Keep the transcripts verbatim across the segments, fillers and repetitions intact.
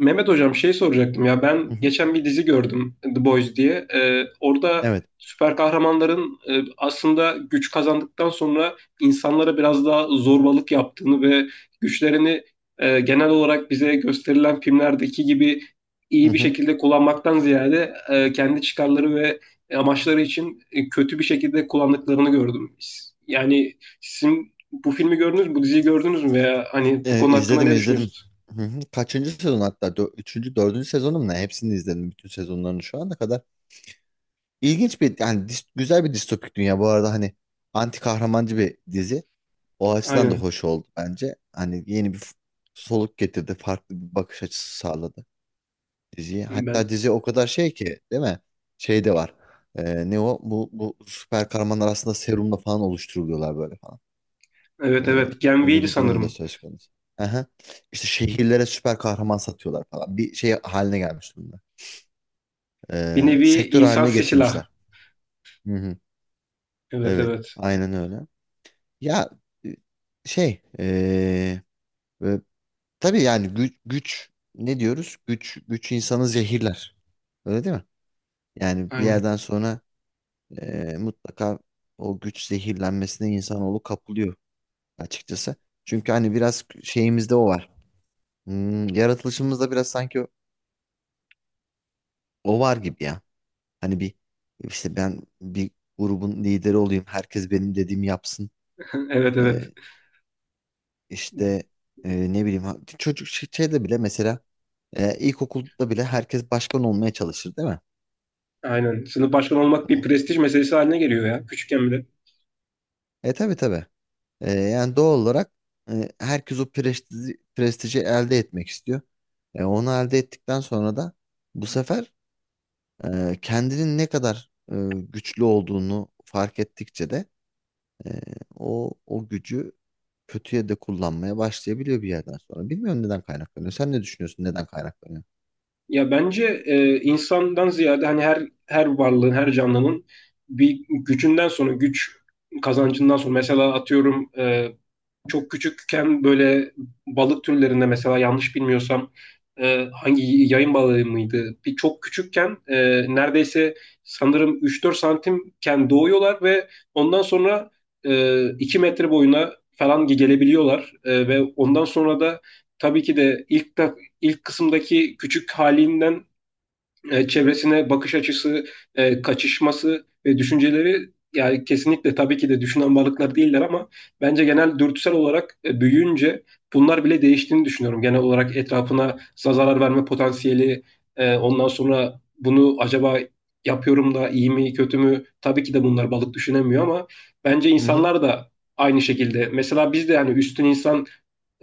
Mehmet hocam şey soracaktım ya ben Hı hı. geçen bir dizi gördüm The Boys diye. Ee, orada Evet. süper kahramanların e, aslında güç kazandıktan sonra insanlara biraz daha zorbalık yaptığını ve güçlerini e, genel olarak bize gösterilen filmlerdeki gibi Hı iyi bir hı. şekilde kullanmaktan ziyade e, kendi çıkarları ve amaçları için e, kötü bir şekilde kullandıklarını gördüm. Yani sizin bu filmi gördünüz mü, bu diziyi gördünüz mü veya hani bu Ee, konu hakkında izledim ne izledim. düşünüyorsunuz? Hı hı. Kaçıncı sezon hatta? Dö- üçüncü, dördüncü sezonum ne? Hepsini izledim. Bütün sezonlarını şu ana kadar. İlginç bir, yani dis- güzel bir distopik dünya. Bu arada hani anti kahramancı bir dizi. O açıdan da Aynen hoş oldu bence. Hani yeni bir f- soluk getirdi. Farklı bir bakış açısı sağladı diziye. Hatta ben. dizi o kadar şey ki değil mi? Şey de var. Ee, ne o? Bu, bu süper kahramanlar aslında serumla falan oluşturuluyorlar böyle. Evet, Ee, evet. Gen Öyle V'ydi bir durum da sanırım. söz konusu. Aha. İşte şehirlere süper kahraman satıyorlar falan. Bir şey haline gelmiş durumda. Bir Ee, nevi Sektör insan haline silah. getirmişler. Hı hı. Evet, Evet. evet. Aynen öyle. Ya, e, şey ee, e, tabii yani güç, güç ne diyoruz? Güç güç insanı zehirler. Öyle değil mi? Yani bir Aynen. yerden sonra ee, mutlaka o güç zehirlenmesine insanoğlu kapılıyor açıkçası. Çünkü hani biraz şeyimizde o var. Hmm, yaratılışımızda biraz sanki o var gibi ya. Hani bir işte ben bir grubun lideri olayım. Herkes benim dediğimi yapsın. Evet, evet. Ee, işte e, ne bileyim ha- çocuk şey- şeyde bile mesela e, ilkokulda bile herkes başkan olmaya çalışır değil mi? Aynen. Sınıf başkanı olmak bir Hı. prestij meselesi haline geliyor ya. Küçükken bile. E tabii tabii. E, yani doğal olarak e, herkes o prestiji, prestiji elde etmek istiyor. E, onu elde ettikten sonra da bu sefer e, kendinin ne kadar e, güçlü olduğunu fark ettikçe de e, o o gücü kötüye de kullanmaya başlayabiliyor bir yerden sonra. Bilmiyorum neden kaynaklanıyor. Sen ne düşünüyorsun neden kaynaklanıyor? Ya bence e, insandan ziyade hani her her varlığın, her canlının bir gücünden sonra güç kazancından sonra, mesela atıyorum e, çok küçükken böyle balık türlerinde, mesela yanlış bilmiyorsam e, hangi yayın balığı mıydı? Bir çok küçükken e, neredeyse sanırım üç dört santimken doğuyorlar ve ondan sonra e, iki metre boyuna falan gelebiliyorlar. E, ve ondan sonra da tabii ki de ilk de- ilk kısımdaki küçük halinden e, çevresine bakış açısı, e, kaçışması ve düşünceleri, yani kesinlikle tabii ki de düşünen varlıklar değiller ama bence genel dürtüsel olarak e, büyüyünce bunlar bile değiştiğini düşünüyorum. Genel olarak etrafına zarar verme potansiyeli, e, ondan sonra bunu acaba yapıyorum da iyi mi kötü mü? Tabii ki de bunlar balık düşünemiyor ama bence Hı hı. insanlar da aynı şekilde. Mesela biz de yani üstün insan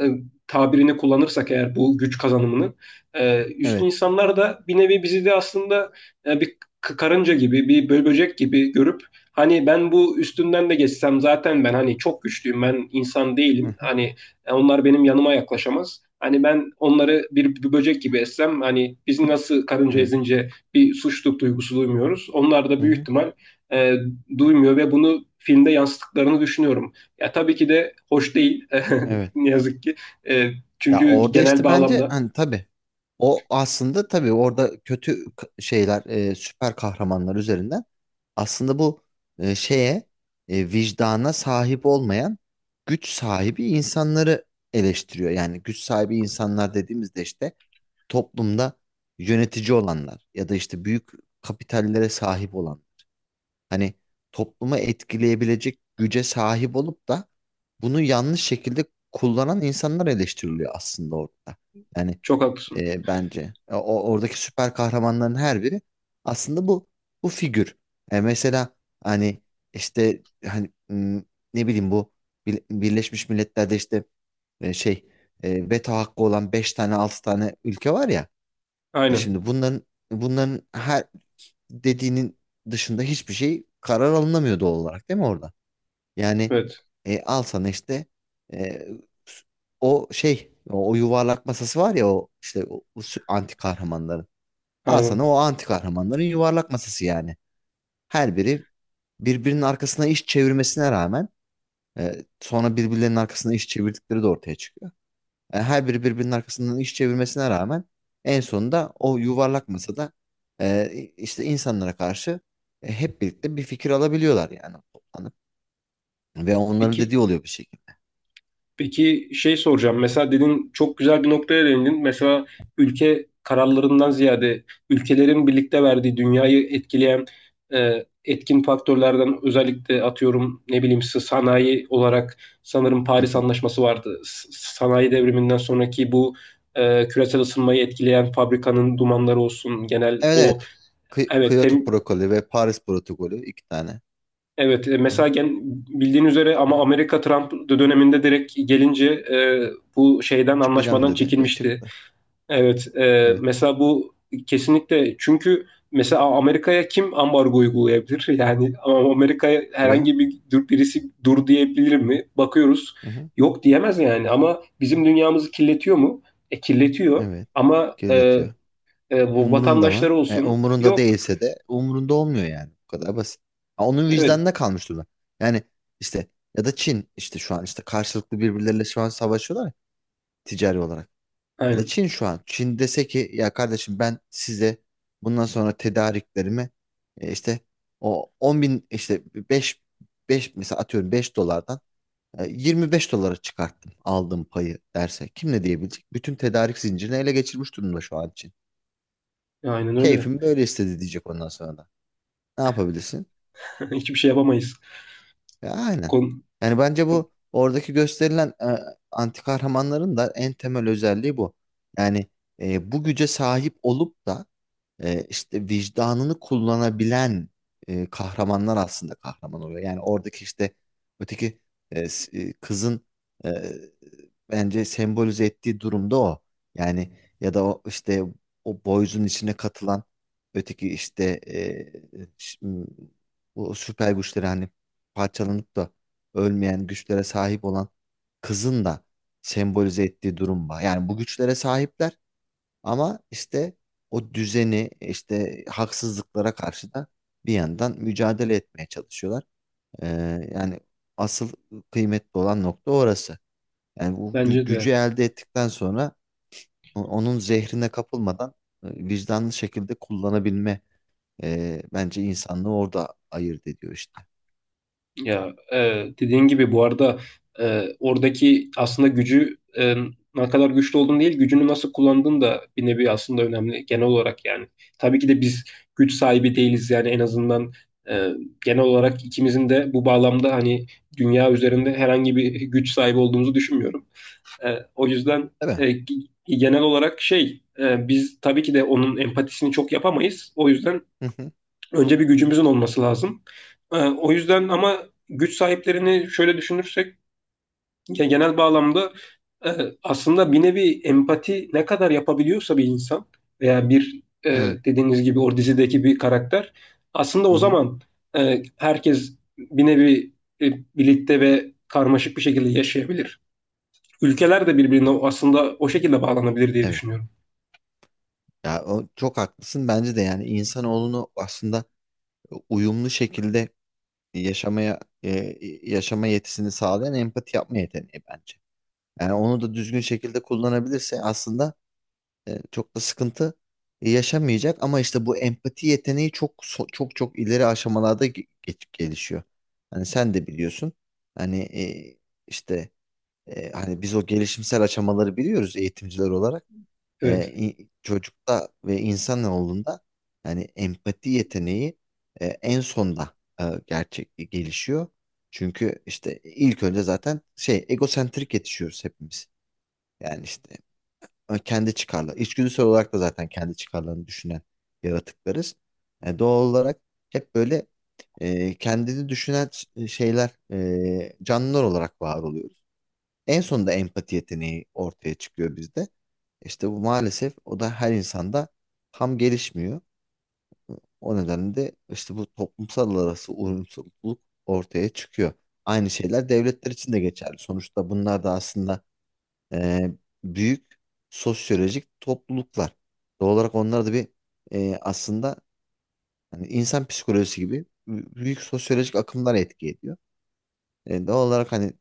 e, tabirini kullanırsak eğer, bu güç kazanımını e, üstün Evet. insanlar da bir nevi bizi de aslında e, bir karınca gibi, bir bö- böcek gibi görüp, hani ben bu üstünden de geçsem zaten, ben hani çok güçlüyüm, ben insan Hı değilim hı. hani, e, onlar benim yanıma yaklaşamaz. Hani ben onları bir, bir böcek gibi essem, hani biz nasıl karınca Evet. ezince bir suçluluk duygusu duymuyoruz, onlar da Hı büyük hı. ihtimal e, duymuyor ve bunu filmde yansıttıklarını düşünüyorum. Ya tabii ki de hoş değil. Evet. Ne yazık ki. E, Ya Çünkü orada genel işte bence bağlamda, hani tabii o aslında tabii orada kötü k- şeyler, e, süper kahramanlar üzerinden aslında bu e, şeye, e, vicdana sahip olmayan güç sahibi insanları eleştiriyor. Yani güç sahibi insanlar dediğimizde işte toplumda yönetici olanlar ya da işte büyük kapitallere sahip olanlar, hani toplumu etkileyebilecek güce sahip olup da bunu yanlış şekilde kullanan insanlar eleştiriliyor aslında orada. Yani çok haklısın. e, bence o, o- oradaki süper kahramanların her biri aslında bu bu figür. E, mesela hani işte hani, m, ne bileyim, bu Bir- Birleşmiş Milletler'de işte e, şey e, veto hakkı olan beş tane altı tane ülke var ya. E Aynen. Şimdi bunların bunların her dediğinin dışında hiçbir şey karar alınamıyor doğal olarak değil mi orada? Yani Evet. e, al sana işte e, o şey o, o yuvarlak masası var ya, o işte o, o sü- anti kahramanların. Al sana Aynen. o anti kahramanların yuvarlak masası yani. Her biri birbirinin arkasına iş çevirmesine rağmen e, sonra birbirlerinin arkasına iş çevirdikleri de ortaya çıkıyor. E, her biri birbirinin arkasından iş çevirmesine rağmen en sonunda o yuvarlak masada e, işte insanlara karşı e, hep birlikte bir fikir alabiliyorlar yani toplanıp. Ve onların dediği Peki oluyor bir şekilde. Peki şey soracağım. Mesela dedin, çok güzel bir noktaya değindin. Mesela ülke kararlarından ziyade, ülkelerin birlikte verdiği, dünyayı etkileyen e, etkin faktörlerden, özellikle atıyorum ne bileyim s- sanayi olarak, sanırım Hı Paris hı. Anlaşması vardı. S- sanayi devriminden sonraki bu e, küresel ısınmayı etkileyen, fabrikanın dumanları olsun, genel Evet, o, evet. Kı- evet Kyoto tem- protokolü ve Paris protokolü, iki tane. Evet, e, Hı mesela hı. gen, bildiğin üzere, ama Amerika Trump döneminde direkt gelince e, bu şeyden, Çıkacağım anlaşmadan dedi ve çekilmişti. çıktı. Evet, e, Evet. mesela bu kesinlikle, çünkü mesela Amerika'ya kim ambargo uygulayabilir? Yani ama Amerika'ya Tabii. herhangi bir dur, birisi dur diyebilir mi? Bakıyoruz, Hı hı. yok diyemez yani. Ama bizim dünyamızı kirletiyor mu? E, kirletiyor. Evet. Ama e, Kirletiyor. e, bu Umurunda mı? vatandaşları E, olsun. Umurunda Yok. değilse de umurunda olmuyor yani. Bu kadar basit. Ha, onun Evet, vicdanına kalmış durumda. Yani işte ya da Çin işte şu an işte karşılıklı birbirleriyle şu an savaşıyorlar ya, ticari olarak. Ya da aynen, Çin şu an. Çin dese ki ya kardeşim, ben size bundan sonra tedariklerimi e, işte o on bin işte beş beş mesela atıyorum beş dolardan e, yirmi beş dolara çıkarttım aldığım payı, derse kim ne diyebilecek? Bütün tedarik zincirini ele geçirmiş durumda şu an Çin. aynen öyle. Keyfim böyle istedi diyecek ondan sonra da. Ne yapabilirsin? Hiçbir şey yapamayız. Ya aynen. Kon- Yani bence bu oradaki gösterilen e, anti kahramanların da en temel özelliği bu. Yani e, bu güce sahip olup da e, işte vicdanını kullanabilen e, kahramanlar aslında kahraman oluyor. Yani oradaki işte öteki e, s- e, kızın e, bence sembolize ettiği durumda o. Yani ya da o işte o boyzun içine katılan öteki işte e, ş- m- o süper güçlere hani parçalanıp da ölmeyen güçlere sahip olan kızın da sembolize ettiği durum var. Yani bu güçlere sahipler ama işte o düzeni, işte haksızlıklara karşı da bir yandan mücadele etmeye çalışıyorlar. Ee, Yani asıl kıymetli olan nokta orası. Yani bu gü- Bence gücü de. elde ettikten sonra o- onun zehrine kapılmadan e, vicdanlı şekilde kullanabilme e, bence insanlığı orada ayırt ediyor işte. Ya e, dediğin gibi bu arada, e, oradaki aslında gücü, e, ne kadar güçlü olduğun değil, gücünü nasıl kullandığın da bir nevi aslında önemli, genel olarak yani. Tabii ki de biz güç sahibi değiliz yani, en azından e, genel olarak ikimizin de bu bağlamda hani, dünya üzerinde herhangi bir güç sahibi olduğumuzu düşünmüyorum. E, O yüzden Değil mi? e, g- genel olarak şey, e, biz tabii ki de onun empatisini çok yapamayız. O yüzden Hı hı. önce bir gücümüzün olması lazım. Ee, o yüzden ama güç sahiplerini şöyle düşünürsek, ya genel bağlamda e, aslında bir nevi empati ne kadar yapabiliyorsa bir insan veya bir, e, Evet. dediğiniz gibi o dizideki bir karakter, aslında Hı o hı. zaman e, herkes bir nevi e, birlikte ve karmaşık bir şekilde yaşayabilir. Ülkeler de birbirine aslında o şekilde bağlanabilir diye Evet. düşünüyorum. Ya o çok haklısın bence de, yani insanoğlunu aslında e, uyumlu şekilde yaşamaya e, yaşama yetisini sağlayan empati yapma yeteneği bence. Yani onu da düzgün şekilde kullanabilirse aslında E, çok da sıkıntı yaşamayacak ama işte bu empati yeteneği çok so- çok çok ileri aşamalarda ge- geç- gelişiyor. Hani sen de biliyorsun. Hani e, işte e, hani biz o gelişimsel aşamaları biliyoruz eğitimciler olarak. E, Evet. İ- çocukta ve insanoğlunda yani empati yeteneği e, en sonda e, gerçek e, gelişiyor. Çünkü işte ilk önce zaten şey egosentrik yetişiyoruz hepimiz. Yani işte e, kendi çıkarlar. İçgüdüsel olarak da zaten kendi çıkarlarını düşünen yaratıklarız. E, doğal olarak hep böyle e, kendini düşünen ş- şeyler, e, canlılar olarak var oluyoruz. En sonunda empati yeteneği ortaya çıkıyor bizde. İşte bu maalesef o da her insanda tam gelişmiyor. O nedenle de işte bu toplumsal arası uyumsuzluk ortaya çıkıyor. Aynı şeyler devletler için de geçerli. Sonuçta bunlar da aslında e, büyük sosyolojik topluluklar. Doğal olarak onlar da bir, e, aslında hani insan psikolojisi gibi bü- büyük sosyolojik akımlar etki ediyor. E, doğal olarak hani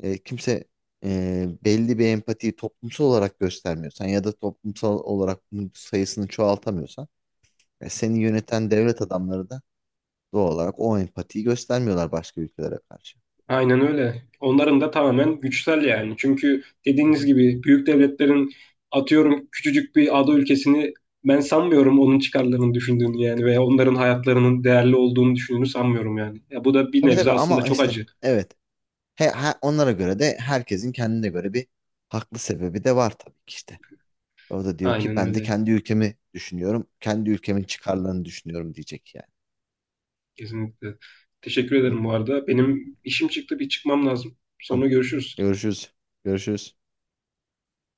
e, kimse, e, belli bir empatiyi toplumsal olarak göstermiyorsan ya da toplumsal olarak bunun sayısını çoğaltamıyorsan e, seni yöneten devlet adamları da doğal olarak o empatiyi göstermiyorlar başka ülkelere karşı. Aynen öyle. Onların da tamamen güçsel yani. Çünkü Hı dediğiniz hı. gibi büyük devletlerin atıyorum, küçücük bir ada ülkesini, ben sanmıyorum onun çıkarlarını düşündüğünü yani, veya onların hayatlarının değerli olduğunu düşündüğünü sanmıyorum yani. Ya bu da bir Tabii nebze tabii, aslında ama çok işte acı. evet. He, he- onlara göre de herkesin kendine göre bir haklı sebebi de var tabii ki işte. O da diyor ki Aynen ben de öyle. kendi ülkemi düşünüyorum. Kendi ülkemin çıkarlarını düşünüyorum diyecek yani. Kesinlikle. Teşekkür Hı, ederim bu arada. Benim işim çıktı, bir çıkmam lazım. Sonra tamam. görüşürüz. Görüşürüz. Görüşürüz.